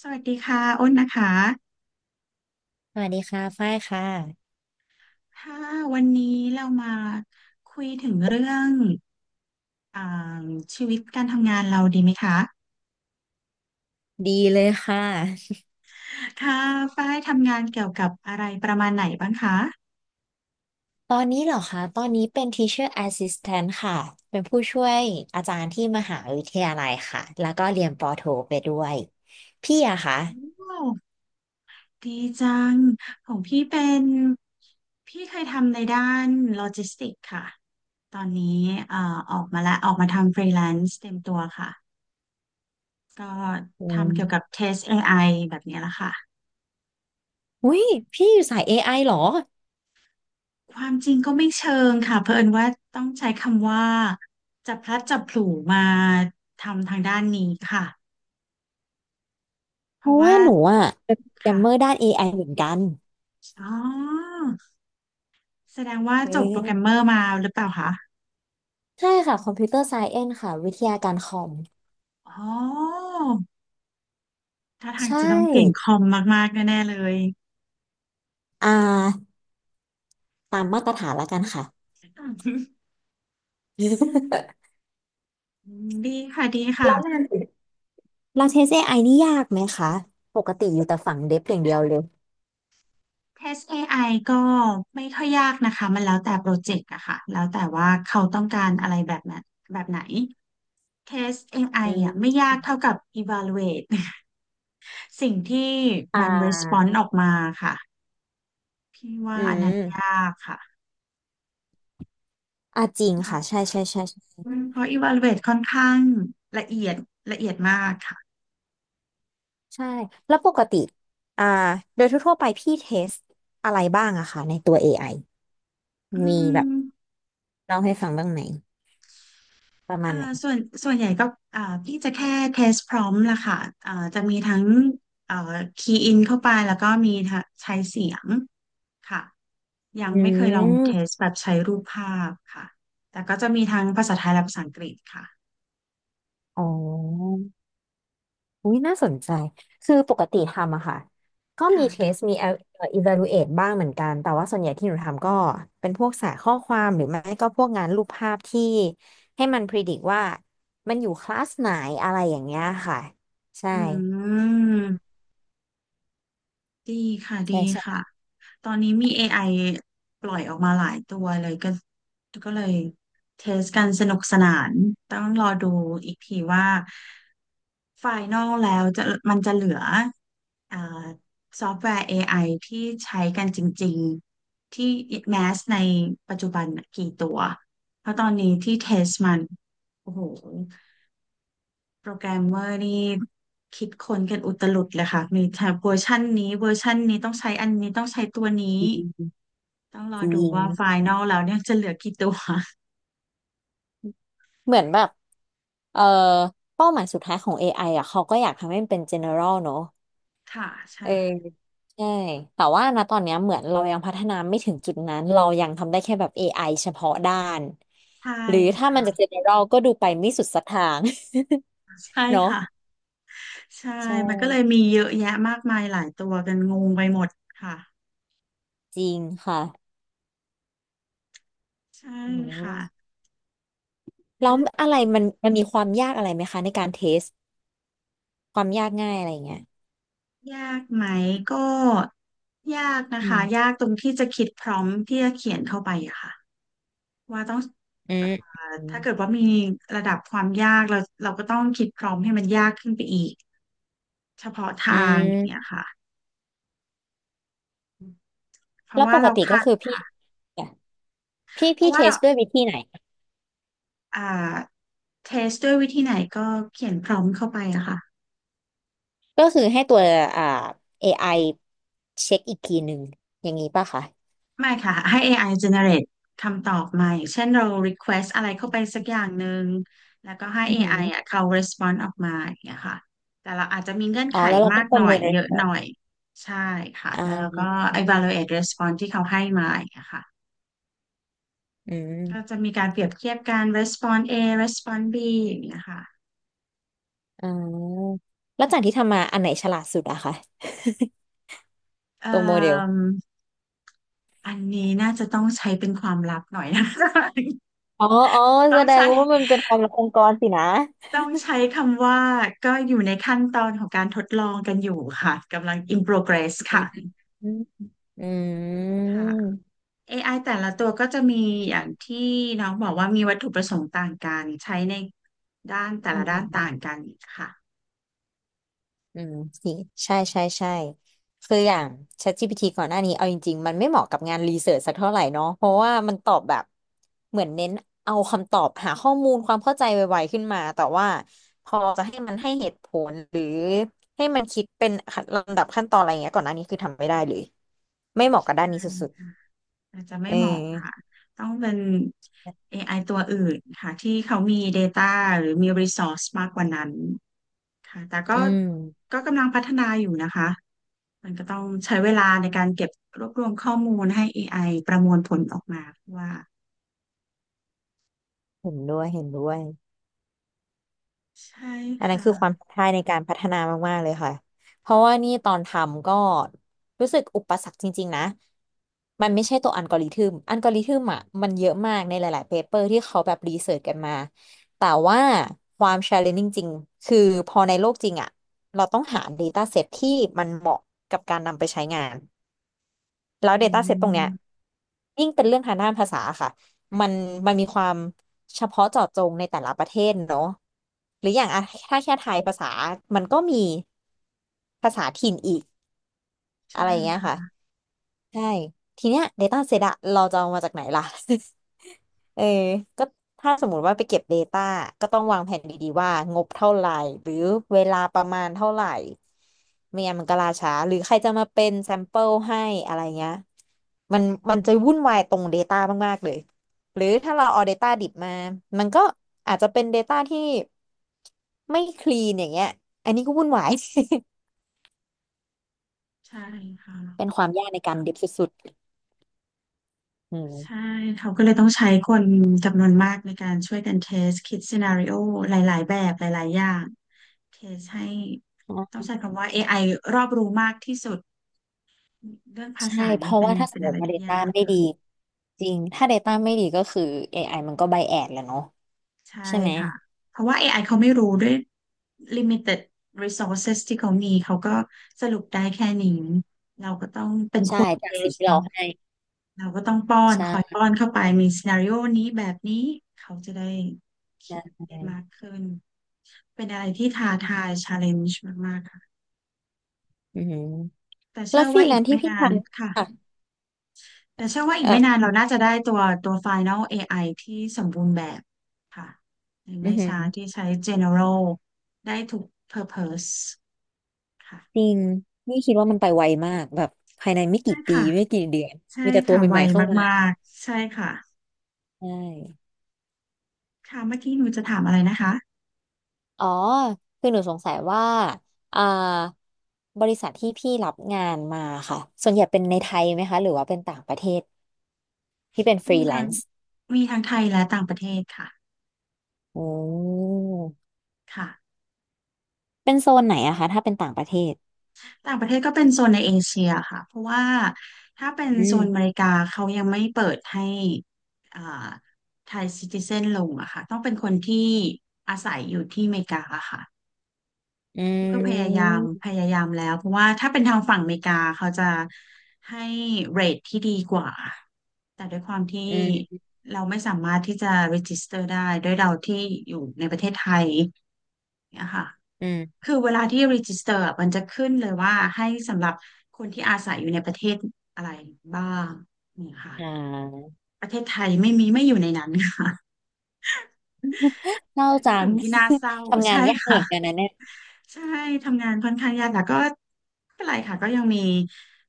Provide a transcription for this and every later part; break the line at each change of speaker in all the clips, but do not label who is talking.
สวัสดีค่ะอ้นนะคะ
สวัสดีค่ะฝ้ายค่ะ
ถ้าวันนี้เรามาคุยถึงเรื่องอ่าชีวิตการทำงานเราดีไหมคะ
ดีเลยค่ะ
ค่ะฝ้ายทำงานเกี่ยวกับอะไรประมาณไหนบ้างคะ
ตอนนี้เหรอคะตอนนี้เป็น Teacher Assistant ค่ะเป็นผู้ช่วยอาจารย์ที่มหาวิทยาลัยค่ะแล้วก็เรียนปอโทไปด้วยพี่อะคะ
โอ้ดีจังของพี่เป็นพี่เคยทำในด้านโลจิสติกค่ะ ตอนนี้ออกมาแล้วออกมาทำฟรีแลนซ์เต็มตัวค่ะ ก็
อื
ทำเกี่ยวกับ
ม
เทส AI แบบนี้แหละค่ะ
อุ้ยพี่อยู่สาย AI เหรอ
ความจริงก็ไม่เชิงค่ะเผอิญว่าต้องใช้คำว่าจับพลัดจับผลูมาทำทางด้านนี้ค่ะเพ
เพ
ราะ
ราะ
ว่า
ว่าหนูอะเป็นโปรแกรม
ค่ะ
เมอร์ด้าน AI เหมือนกัน
อ๋อแสดงว่า
เอ๊
จบโปรแกรมเม
ะ
อร์มาหรือเปล่าคะ
ใช่ค่ะ Computer Science ค่ะวิทยาการคอม
อ๋อถ้าทาง
ใช่
จะต้องเก่งคอมมากๆแน่ๆเลย
อ่าตามมาตรฐานแล้วกันค่ะ
อืมดีค่ะดีค่ะ
แล้วงาน เราเทส AI นี่ยากไหมคะ ปกติอยู่แต่ฝั่งเดฟอย่างเดียวเลย
Test AI ก็ไม่ค่อยยากนะคะมันแล้วแต่โปรเจกต์อะค่ะแล้วแต่ว่าเขาต้องการอะไรแบบนั้นแบบไหน Test เทส AI
อื
อ่ะไม่
ม
ยากเท่ากับ evaluate สิ่งที่
อ่า
มัน r e s p o n e ออกมาค่ะพี่ว่า
อื
อันนั้นยา
ม
กค่ะ
จริงค่ะ
ค่ะ
ใช่ใช่ใช่ใช่
เพราะ evaluate ค่อนข้างละเอียดละเอียดมากค่ะ
ใช่แล้วปกติ อ่า โดยทั่วๆไปพี่เทสอะไรบ้างอะคะในตัว AI
อื
มีแบบ
ม
เล่าให้ฟังบ้างไหมประมา
อ่า
ณไหน
ส่วนส่วนใหญ่ก็พี่จะแค่ test prompt ละค่ะอ่าจะมีทั้งอ่า key in เข้าไปแล้วก็มีทั้งใช้เสียงค่ะยัง
อื
ไม่เคยลอง
ม
test แบบใช้รูปภาพค่ะแต่ก็จะมีทั้งภาษาไทยและภาษาอังกฤษค่ะ
อ๋อ อุ้ยน่าสนใจคือปกติทำอะค่ะก็มีเทส
ค่ะ
มี evaluate บ้างเหมือนกันแต่ว่าส่วนใหญ่ที่หนูทำก็เป็นพวกสายข้อความหรือไม่ก็พวกงานรูปภาพที่ให้มัน predict ว่ามันอยู่คลาสไหนอะไรอย่างเงี้ยค่ะใช่
อืมดีค่ะดี
ใช่
ค่ะ
ใช่
ตอนนี้มี AI ปล่อยออกมาหลายตัวเลยก็เลยเทสกันสนุกสนานต้องรอดูอีกทีว่าไฟนอลแล้วจะมันจะเหลืออ่าซอฟต์แวร์ AI ที่ใช้กันจริงๆที่แมสในปัจจุบันน่ะกี่ตัวเพราะตอนนี้ที่เทสมันโอ้โห โปรแกรมเมอร์นี่คิดค้นกันอุตลุดเลยค่ะมีแต่เวอร์ชันนี้เวอร์ชันนี้ต้องใช้อันนี้ต้องใช้ตัวนี้ต้องร
จ
อ
ริ
ดู
ง
ว่าไฟนอลแล้วเนี่ยจะเหลือกี่ตัว
เหมือนแบบเอ่อเป้าหมายสุดท้ายของ AI อไออะเขาก็อยากทำให้มันเป็น general เนอะ
ค่ะใช่
เออใช่แต่ว่านะตอนเนี้ยเหมือนเรายังพัฒนาไม่ถึงจุดนั้นเรายังทำได้แค่แบบ AI เฉพาะด้าน
ใช่
หรือถ้ามัน
ค่ะ
จะ general ก็ดูไปไม่สุดสักทาง
ใช่
เนาะ
ค่ะใช่
ใช่
มันก็เลยมีเยอะแยะมากมายหลายตัวกันงงไปหมดค่ะ
จริงค่ะ
ใช่
อื
ค่ะ
มแล้ว
และ
อะไรมันมีความยากอะไรไหมคะในการเทสความยากง่ายอะไรอย่างเงี้ย
ยากไหมก็ยากนะ
อื
คะยา
ม
กตรงที่จะคิดพร้อมที่จะเขียนเข้าไปอะค่ะ ว่าต้อง
อื
เอ่
ม
อ
อื
ถ้าเกิด
ม
ว่ามีระดับความยากเราก็ต้องคิดพร้อมให้มันยากขึ้นไปอีกเฉพาะ
อื
ทางอย่างเงี้ย
ม
ค่ะเพ
แล้
ราะ
ว
ว่า
ปก
เรา
ติก็
คาด
คือ
ค่ะ
เนี่ยพี่
เพ
พี่
ราะ
เท
ว่า
ส
เรา
ด้วยวิธีไหน
อ่าเทสด้วยวิธีไหนก็เขียนพร้อมเข้าไปอะค่ะ
ก็คือให้ตัวอ่า AI เช็คอีกทีหนึ่งอย่างนี้ป่ะคะ
ไม่ค่ะให้ AI generate คำตอบมาอย่างเช่นเรา request อะไรเข้าไปสักอย่างหนึ่งแล้วก็ให้
อือหื
AI อ
อ
ไออ่ะเขา respond ออกมาอย่างเงี้ยค่ะแต่เราอาจจะมีเงื่อน
อ๋อ
ไข
แล้วเรา
มา
ก็
ก
ป
ห
ระ
น่อ
เมิ
ย
น
เยอะหน่
response
อย ใช่ค่ะ
อ่
แล้วเราก็
า
evaluate response ที่เขาให้มาอย่างเงี้ยค่ะ
อื
ก็จะ
ม
มีการเปรียบเทียบการ response A response B อย่างเงี้ยค่ะ
อ่าแล้วจากที่ทำมาอันไหนฉลาดสุดอะคะ
เอ่
ตัวโมเดล
มอันนี้น่าจะต้องใช้เป็นความลับหน่อยนะ
อ๋อ อ๋อ
ต้
แส
อง
ดง
ใช้
ว่ามันเป็นความลับองค์กรสินะ
ต้องใช้คำว่าก็อยู่ในขั้นตอนของการทดลองกันอยู่ค่ะ กำลัง in progress
อื
ค่ะ
ม อืม
ค่ะ AI แต่ละตัวก็จะมีอย่างที่น้องบอกว่ามีวัตถุประสงค์ต่างกัน ใช้ในด้านแต่
อื
ละด้านต่าง
ม
กันค่ะ
อืม สิใช่ใช่ใช่คืออย่าง ChatGPT ก่อนหน้านี้เอาจริงๆมันไม่เหมาะกับงานรีเสิร์ชสักเท่าไหร่เนาะเพราะว่ามันตอบแบบเหมือนเน้นเอาคำตอบหาข้อมูลความเข้าใจไวๆขึ้นมาแต่ว่าพอจะให้มันให้เหตุผลหรือให้มันคิดเป็นลำดับขั้นตอนอะไรเงี้ยก่อนหน้านี้คือทำไม่ได้เลยไม่เหมาะกับด้านนี้สุด
อาจจะ
ๆ
ไม่เหมาะค่ะต้องเป็น AI ตัวอื่นค่ะที่เขามี Data หรือมี Resource มากกว่านั้นค่ะแต่ก็
อืม
ก็กำลังพัฒนาอยู่นะคะมันก็ต้องใช้เวลาในการเก็บรวบรวมข้อมูลให้ AI ประมวลผลออกมาว่า
เห็นด้วยเห็นด้วย
ใช่
อั
ค
นนั้นคือความ
่ะ
ท้าทายในการพัฒนามากๆเลยค่ะเพราะว่านี่ตอนทำก็รู้สึกอุปสรรคจริงๆนะ มันไม่ใช่ตัวอัลกอริทึมอ่ะมันเยอะมากในหลายๆเปเปอร์ที่เขาแบบรีเสิร์ชกันมา แต่ว่าความ challenging จริงคือพอในโลกจริงอ่ะเราต้องหา data set ที่มันเหมาะกับการนำไปใช้งาน แล้ว
อื
Data Set ตรงเนี้ย
ม
ยิ่งเป็นเรื่องทางด้านภาษาค่ะมันมันมีความเฉพาะเจาะจงในแต่ละประเทศเนอะหรืออย่างอะถ้าแค่ไทยภาษามันก็มีภาษาถิ่นอีก
ใช่
อะไรอย่างเงี้ยค่ะ
ค่ะ
ใช่ทีเนี้ย Data Set อะเราจะเอามาจากไหนล่ะ เออก็ถ้าสมมุติว่าไปเก็บ Data ก็ต้องวางแผนดีๆว่างบเท่าไหร่หรือเวลาประมาณเท่าไหร่ไม่งั้นมันก็ล่าช้าหรือใครจะมาเป็นแซมเปิลให้อะไรเงี้ยมันมันจะวุ่นวายตรง Data มากๆเลยหรือถ้าเราเอา Data ดิบมามันก็อาจจะเป็น Data ที่ไม่คลีนอย่างเงี้ยอันนี้ก็วุ่นวาย
ใช่ค่ะ
เป็นความยากในการดิบสุดๆอืม
ใช่เขาก็เลยต้องใช้คนจำนวนมากในการช่วยกันเทสคิดซีนาริโอหลายๆแบบหลายๆอย่าง เคสให้ต้องใช้คำว่า AI รอบรู้มากที่สุดเรื่องภา
ใช่
ษา
เพ
นี้
ราะ
เป็น
ว่าถ้าส
เป็
ม
น
ม
อะไร
ติว่า
ที่
Data
ยาก
ไม่
ค่ะ
ดีจริงถ้า Data ไม่ดีก็คือ AI มันก็ไบแอดแหละเนาะ
ใช่
ใช่ไหม
ค่ะเพราะว่า AI เขาไม่รู้ด้วย limited resources ที่เขามีเขาก็สรุปได้แค่นี้เราก็ต้องเป็นค
ใช่
นเท
จากสิ่ง
ส
ที่เรา
เนาะ
ให้
เราก็ต้องป้อนคอย
ใช่
ป้อนเข้าไปมีซีนาริโอนี้แบบนี้เขาจะได้
ใช
คิด
่
ได้มากขึ้นเป็นอะไรที่ท้าทาย challenge มากๆค่ะ
อือหือ
แต่
แล้
เชื่
ว
อ
ฟรี
ว่า
แล
อีก
นซ์ที่
ไม่
พี่ท
นานค่ะ
ำค่ะ
แต่เชื่อว่าอี
แบ
กไม่
บ
นานเราน่าจะได้ตัว Final AI ที่สมบูรณ์แบบค่ะใน
อือ
ไม่
หือ
ช้าที่ใช้ General ได้ทุก Purpose
จริ
ค่ะ
งนี่คิดว่ามันไปไวมากแบบภายในไม่
ใช่
กี่ปี
ค่ะ
ไม่กี่เดือน
ใช่
มีแต่ตัว
ค่ะ
ให
ไว
ม่ๆเข้ามา
มากๆ ใช่ค่ะ
ใช่
ค่ะเมื่อกี้หนูจะถามอะไรนะคะ
อ๋อคือหนูสงสัยว่าอ่าบริษัทที่พี่รับงานมาค่ะส่วนใหญ่เป็นในไทยไหมคะหรือว่าเป็นต่างประเทศที่เป็นฟ
มี
รีแล
ทาง
นซ์
มีทางไทยและต่างประเทศค่ะ
โอ้
ค่ะ
เป็นโซนไหนอะคะถ้าเป็นต่างประเทศ
ต่างประเทศก็เป็นโซนในเอเชียค่ะเพราะว่าถ้าเป็น
อื
โซ
ม
นอเมริกาเขายังไม่เปิดให้อ่าไทยซิติเซนลงอะค่ะต้องเป็นคนที่อาศัยอยู่ที่อเมริกาอะค่ะ
อื
พี่ก็พยายามพ
ม
ยายามแล้วเพราะว่าถ้าเป็นทางฝั่งอเมริกาเขาจะให้เรทที่ดีกว่าแต่ด้วยความที่
อืม
เราไม่สามารถที่จะ register ได้ด้วยเราที่อยู่ในประเทศไทย เนี่ยค่ะ
อืม
คือเวลาที่ register อะมันจะขึ้นเลยว่าให้สำหรับคนที่อาศัยอยู่ในประเทศอะไรบ้างเนี่ยค่ะ
อ่า
ประเทศไทยไม่มีไม่อยู่ในนั้น ค่ะ
เศร้า
เป็
จั
น
ง
สิ่งที่น่าเศร้า
ทำงาน
ใช่
ยากเห
ค่ะ
มือนกันนะเนี่ย
ใช่ ทำงานค่อนข้างยากแต่ก็ไม่เป็นไรค่ะ ก็ยังมี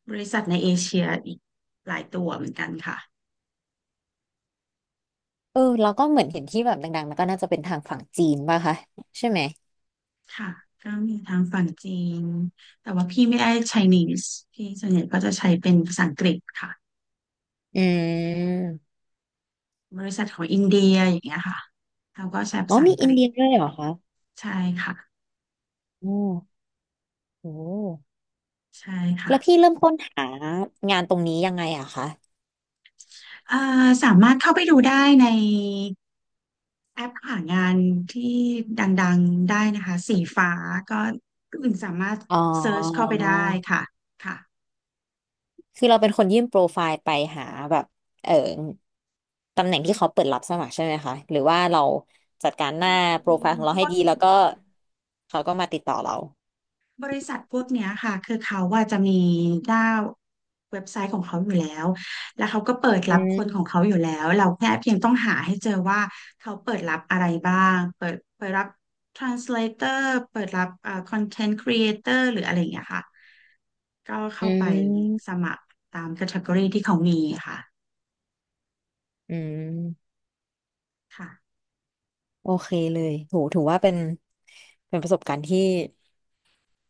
บริษัทในเอเชียอีกหลายตัวเหมือนกันค่ะ
เออเราก็เหมือนเห็นที่แบบดังๆนันก็น่าจะเป็นทางฝั่งจีนป่ะคะใช่ไหม
ค่ะก็มีทางฝั่งจีนแต่ว่าพี่ไม่ได้ Chinese พี่ส่วนใหญ่ก็จะใช้เป็นภาษาอังกฤษค่ะ
อืม
บริษัทของอินเดียอย่างเงี้ยค่ะเขาก็ใช้ภา
อ๋อ
ษา
มี
อังก
อิน
ฤษ
เดียด้วยเหรอคะ
ใช่ค่ะ
โอ้โห
ใช่
แล้วพี่
ค่ะ
เริ่มค้นหางานตรงนี้ยังไงอะคะ
เอ่สามารถเข้าไปดูได้ในแอปหางานที่ดังๆได้นะคะ สีฟ้าก็คุณสามารถ
อ๋อ
เซิร์ชเข้าไปได้ค่ะค่ะ
คือเราเป็นคนยื่นโปรไฟล์ไปหาแบบเออตำแหน่งที่เขาเปิดรับสมัครใช่ไหมคะหรือว่าเราจัดการห
คื
น้า
อ
โปรไฟล์ของเรา
พ
ให้
วก
ดีแล้วก็เขาก็มาติดต่อเรา
บริษัทพวกเนี้ยค่ะคือเขาว่าจะมีหน้าเว็บไซต์ของเขาอยู่แล้วแล้วเขาก็เปิด
อื
รับคนข
ม
องเขาอยู่แล้วเราแค่เพียงต้องหาให้เจอว่าเขาเปิดรับอะไรบ้างเปิดรับ translator เปิดรับcontent creator หรืออะไรอย่างเงี้ยค่ะก็
อื
เข้าไปส
ม
มัครตาม category ที่เขามีค่ะ
อืม
ค่ะ
โอเคเลยโหถือว่าเป็นประสบการณ์ที่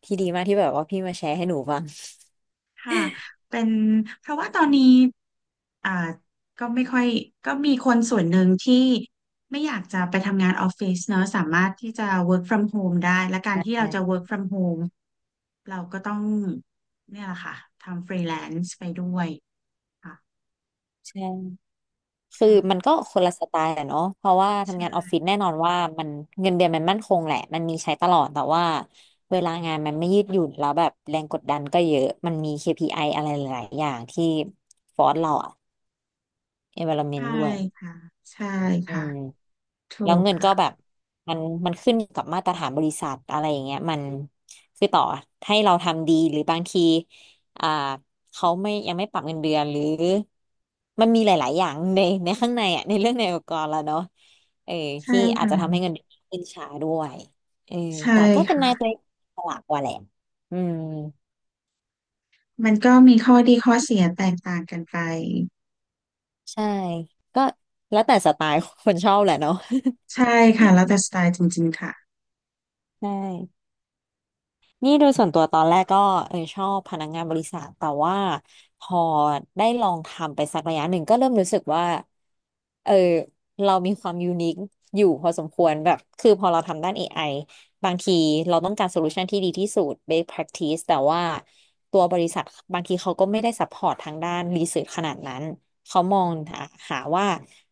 ดีมากที่แบบว่าพี่มาแชร์ให้หนูฟัง
ค่ะเป็นเพราะว่าตอนนี้อ่าก็ไม่ค่อยก็มีคนส่วนหนึ่งที่ไม่อยากจะไปทำงานออฟฟิศเนอะสามารถที่จะ work from home ได้และการที่เรา
ใช้
จะ work from home เราก็ต้องเนี่ยแหละค่ะทำ freelance ไปด้วยค่ะ
ใช่ คือมัน
ค่ะ
ก็คนละสไตล์อะเนาะเพราะว่าทำงานออฟ
ใช่
ฟิศแน่นอนว่ามันเงินเดือนมันมั่นคงแหละมันมีใช้ตลอดแต่ว่าเวลางานมันไม่ยืดหยุ่นแล้วแบบแรงกดดันก็เยอะมันมี KPI ออะไรหลายๆอย่างที่ฟอร์สเราอะ
ใช่
environment ด้วย
ค่ะใช่
อื
ค่ะ
ม
ถู
แล้ว
ก
เงินก็แบ
ค่ะ
บมันมันขึ้นกับมาตรฐานบริษัทอะไรอย่างเงี้ยมันคือต่อให้เราทำดีหรือบางทีอ่าเขาไม่ยังไม่ปรับเงินเดือนหรือมันมีหลายๆอย่างในข้างในอ่ะในเรื่องในองค์กรแล้วเนาะเออ
ใช่
ที่อาจจะทำ
ค่ะ
ให้เงินเดือนขึ้นช้าด้วยเออ
ใช่
แต่ก็เป็นนายตั
ค่ะ
วฉลาดกว่าแหละอืม
มันก็มีข้อดีข้อเสียแตกต่างกันไป
ใช่ก็แล้วแต่สไตล์คนชอบแหละเนาะ
ใช่ค่ะแล้วแต่สไตล์จริงๆค่ะ
ใช่ นี่โดยส่วนตัวตอนแรกก็ชอบพนักงานบริษัทแต่ว่าพอได้ลองทำไปสักระยะหนึ่งก็เริ่มรู้สึกว่าเออเรามีความยูนิคอยู่พอสมควรแบบคือพอเราทำด้าน AI บางทีเราต้องการโซลูชันที่ดีที่สุด best practice แต่ว่าตัวบริษัทบางทีเขาก็ไม่ได้ซัพพอร์ตทางด้านรีเสิร์ชขนาดนั้นเขามองหาว่า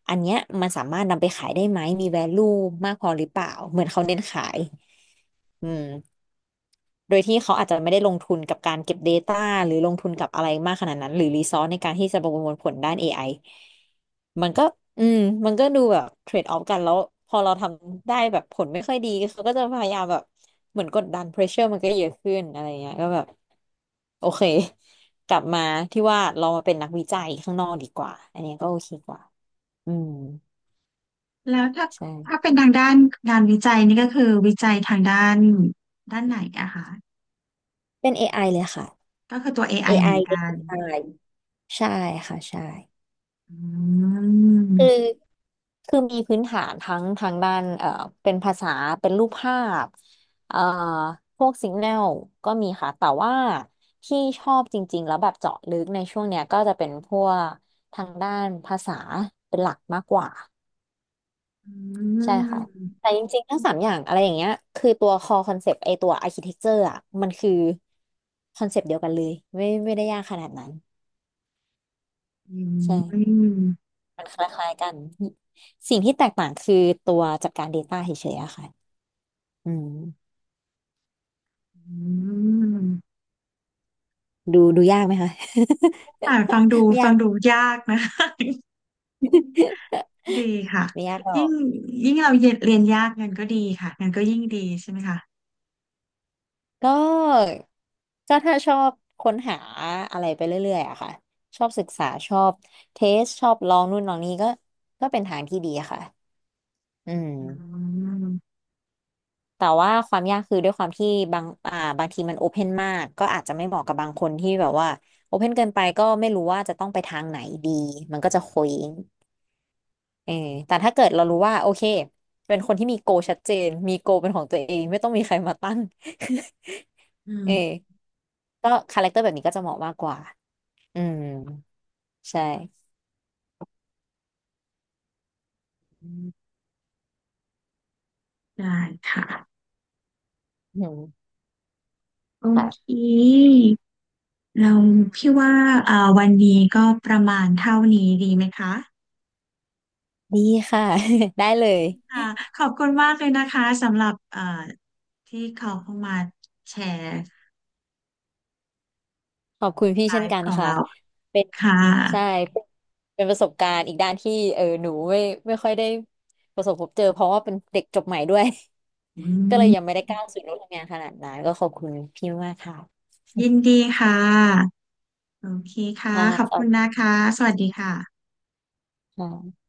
อันเนี้ยมันสามารถนำไปขายได้ไหมมี value มากพอหรือเปล่าเหมือนเขาเน้นขายอืม โดยที่เขาอาจจะไม่ได้ลงทุนกับการเก็บ Data หรือลงทุนกับอะไรมากขนาดนั้นหรือรีซอสในการที่จะประมวลผลด้าน AI มันก็อืมมันก็ดูแบบเทรดออฟกันแล้วพอเราทำได้แบบผลไม่ค่อยดีเขาก็จะพยายามแบบเหมือนกดดัน pressure มันก็เยอะขึ้นอะไรเงี้ยก็แบบโอเคกลับมาที่ว่าเรามาเป็นนักวิจัยข้างนอกดีกว่าอันเนี้ยก็โอเคกว่าอืม
แล้วถ้า
ใช่
เป็นทางด้านงานวิจัยนี่ก็คือวิจัยทางด้านด้านไหนอะคะ
เป็นเอไอเลยค่ะ
ก็คือตัว AI
เอ
เห
ไอ
มือน
เป็น
กั
ค
น
นตายใช่ค่ะใช่
อื
คือ
ม
คือมีพื้นฐานทั้งทางด้านเป็นภาษาเป็นรูปภาพเอ่อพวกสิกแนลก็มีค่ะ แต่ว่าที่ชอบจริงๆแล้วแบบเจาะลึกในช่วงเนี้ยก็จะเป็นพวกทางด้านภาษาเป็นหลักมากกว่า
อื
ใช่ค่ะ
ม
แต่จริงๆทั้งสามอย่างอะไรอย่างเงี้ยคือตัว core concept ไอตัว architecture อ่ะมันคือคอนเซปต์เดียวกันเลยไม่ได้ยากขนาดนั้น
อื
ใช่
ม
มันคล้ายๆกันสิ่งที่แตกต่างคือตัวจัดการ Data เฉยๆอะค่ะอืม
อืม
ดูยากไหมคะ
ฟังดู
ไม่
ฟั
ยาก
งดูยากนะ ดีค่ะ
ไม่ยากหรอ
ยิ่ง
ก
ยิ่งเราเรียนยากเงินก็ดีค่ะเงินก็ยิ่งดีใช่ไหมคะ
ก็ก็ถ้าชอบค้นหาอะไรไปเรื่อยๆอะค่ะชอบศึกษาชอบเทสชอบลองนู่นลองนี่ก็ก็เป็นทางที่ดีอะค่ะอืม
อืม
แต่ว่าความยากคือด้วยความที่บางทีมันโอเพนมากก็อาจจะไม่เหมาะกับบางคนที่แบบว่าโอเพนเกินไปก็ไม่รู้ว่าจะต้องไปทางไหนดีมันก็จะเคว้ง เออแต่ถ้าเกิดเรารู้ว่าโอเคเป็นคนที่มีโกชัดเจนมีโกเป็นของตัวเองไม่ต้องมีใครมาตั้ง เออ
อื
ก็คาแรคเตอร์แบบนี้ก็จะเหมาะมากกว่าอืมใช่
มได้ค่ะ
อืม
โอ
ค่ะ
เค เราพี่ว่าวันนี้ก็ประมาณเท่านี้ดีไหมคะ
ดีค่ะ ได้เลย
ค่ะขอบคุณมากเลยนะคะสำหรับเอ่าที่เขาเข้ามาแชร์
ขอบคุณพี่
ไล
เช่นกั
ฟ์
น
ของ
ค่ะ
เรา
เป็น
ค่ะ
ใช่เป็นประสบการณ์อีกด้านที่เออหนูไม่ไม่ค่อยได้ประสบพบเจอเพราะว่าเป็นเด็กจบใหม่ด้วย
อื
ก็เลยยัง
ม
ไม่ได้ก้าวสู่โลกทำงานขนาดนั้นก็ขอบคุณพี่มากค่ะ
ยินดีค่ะโอเคค่ะ
ค่ะ
ขอบ
ส
คุ
วัส
ณนะ
ดี
คะสวัสดีค่ะ
ค่ะ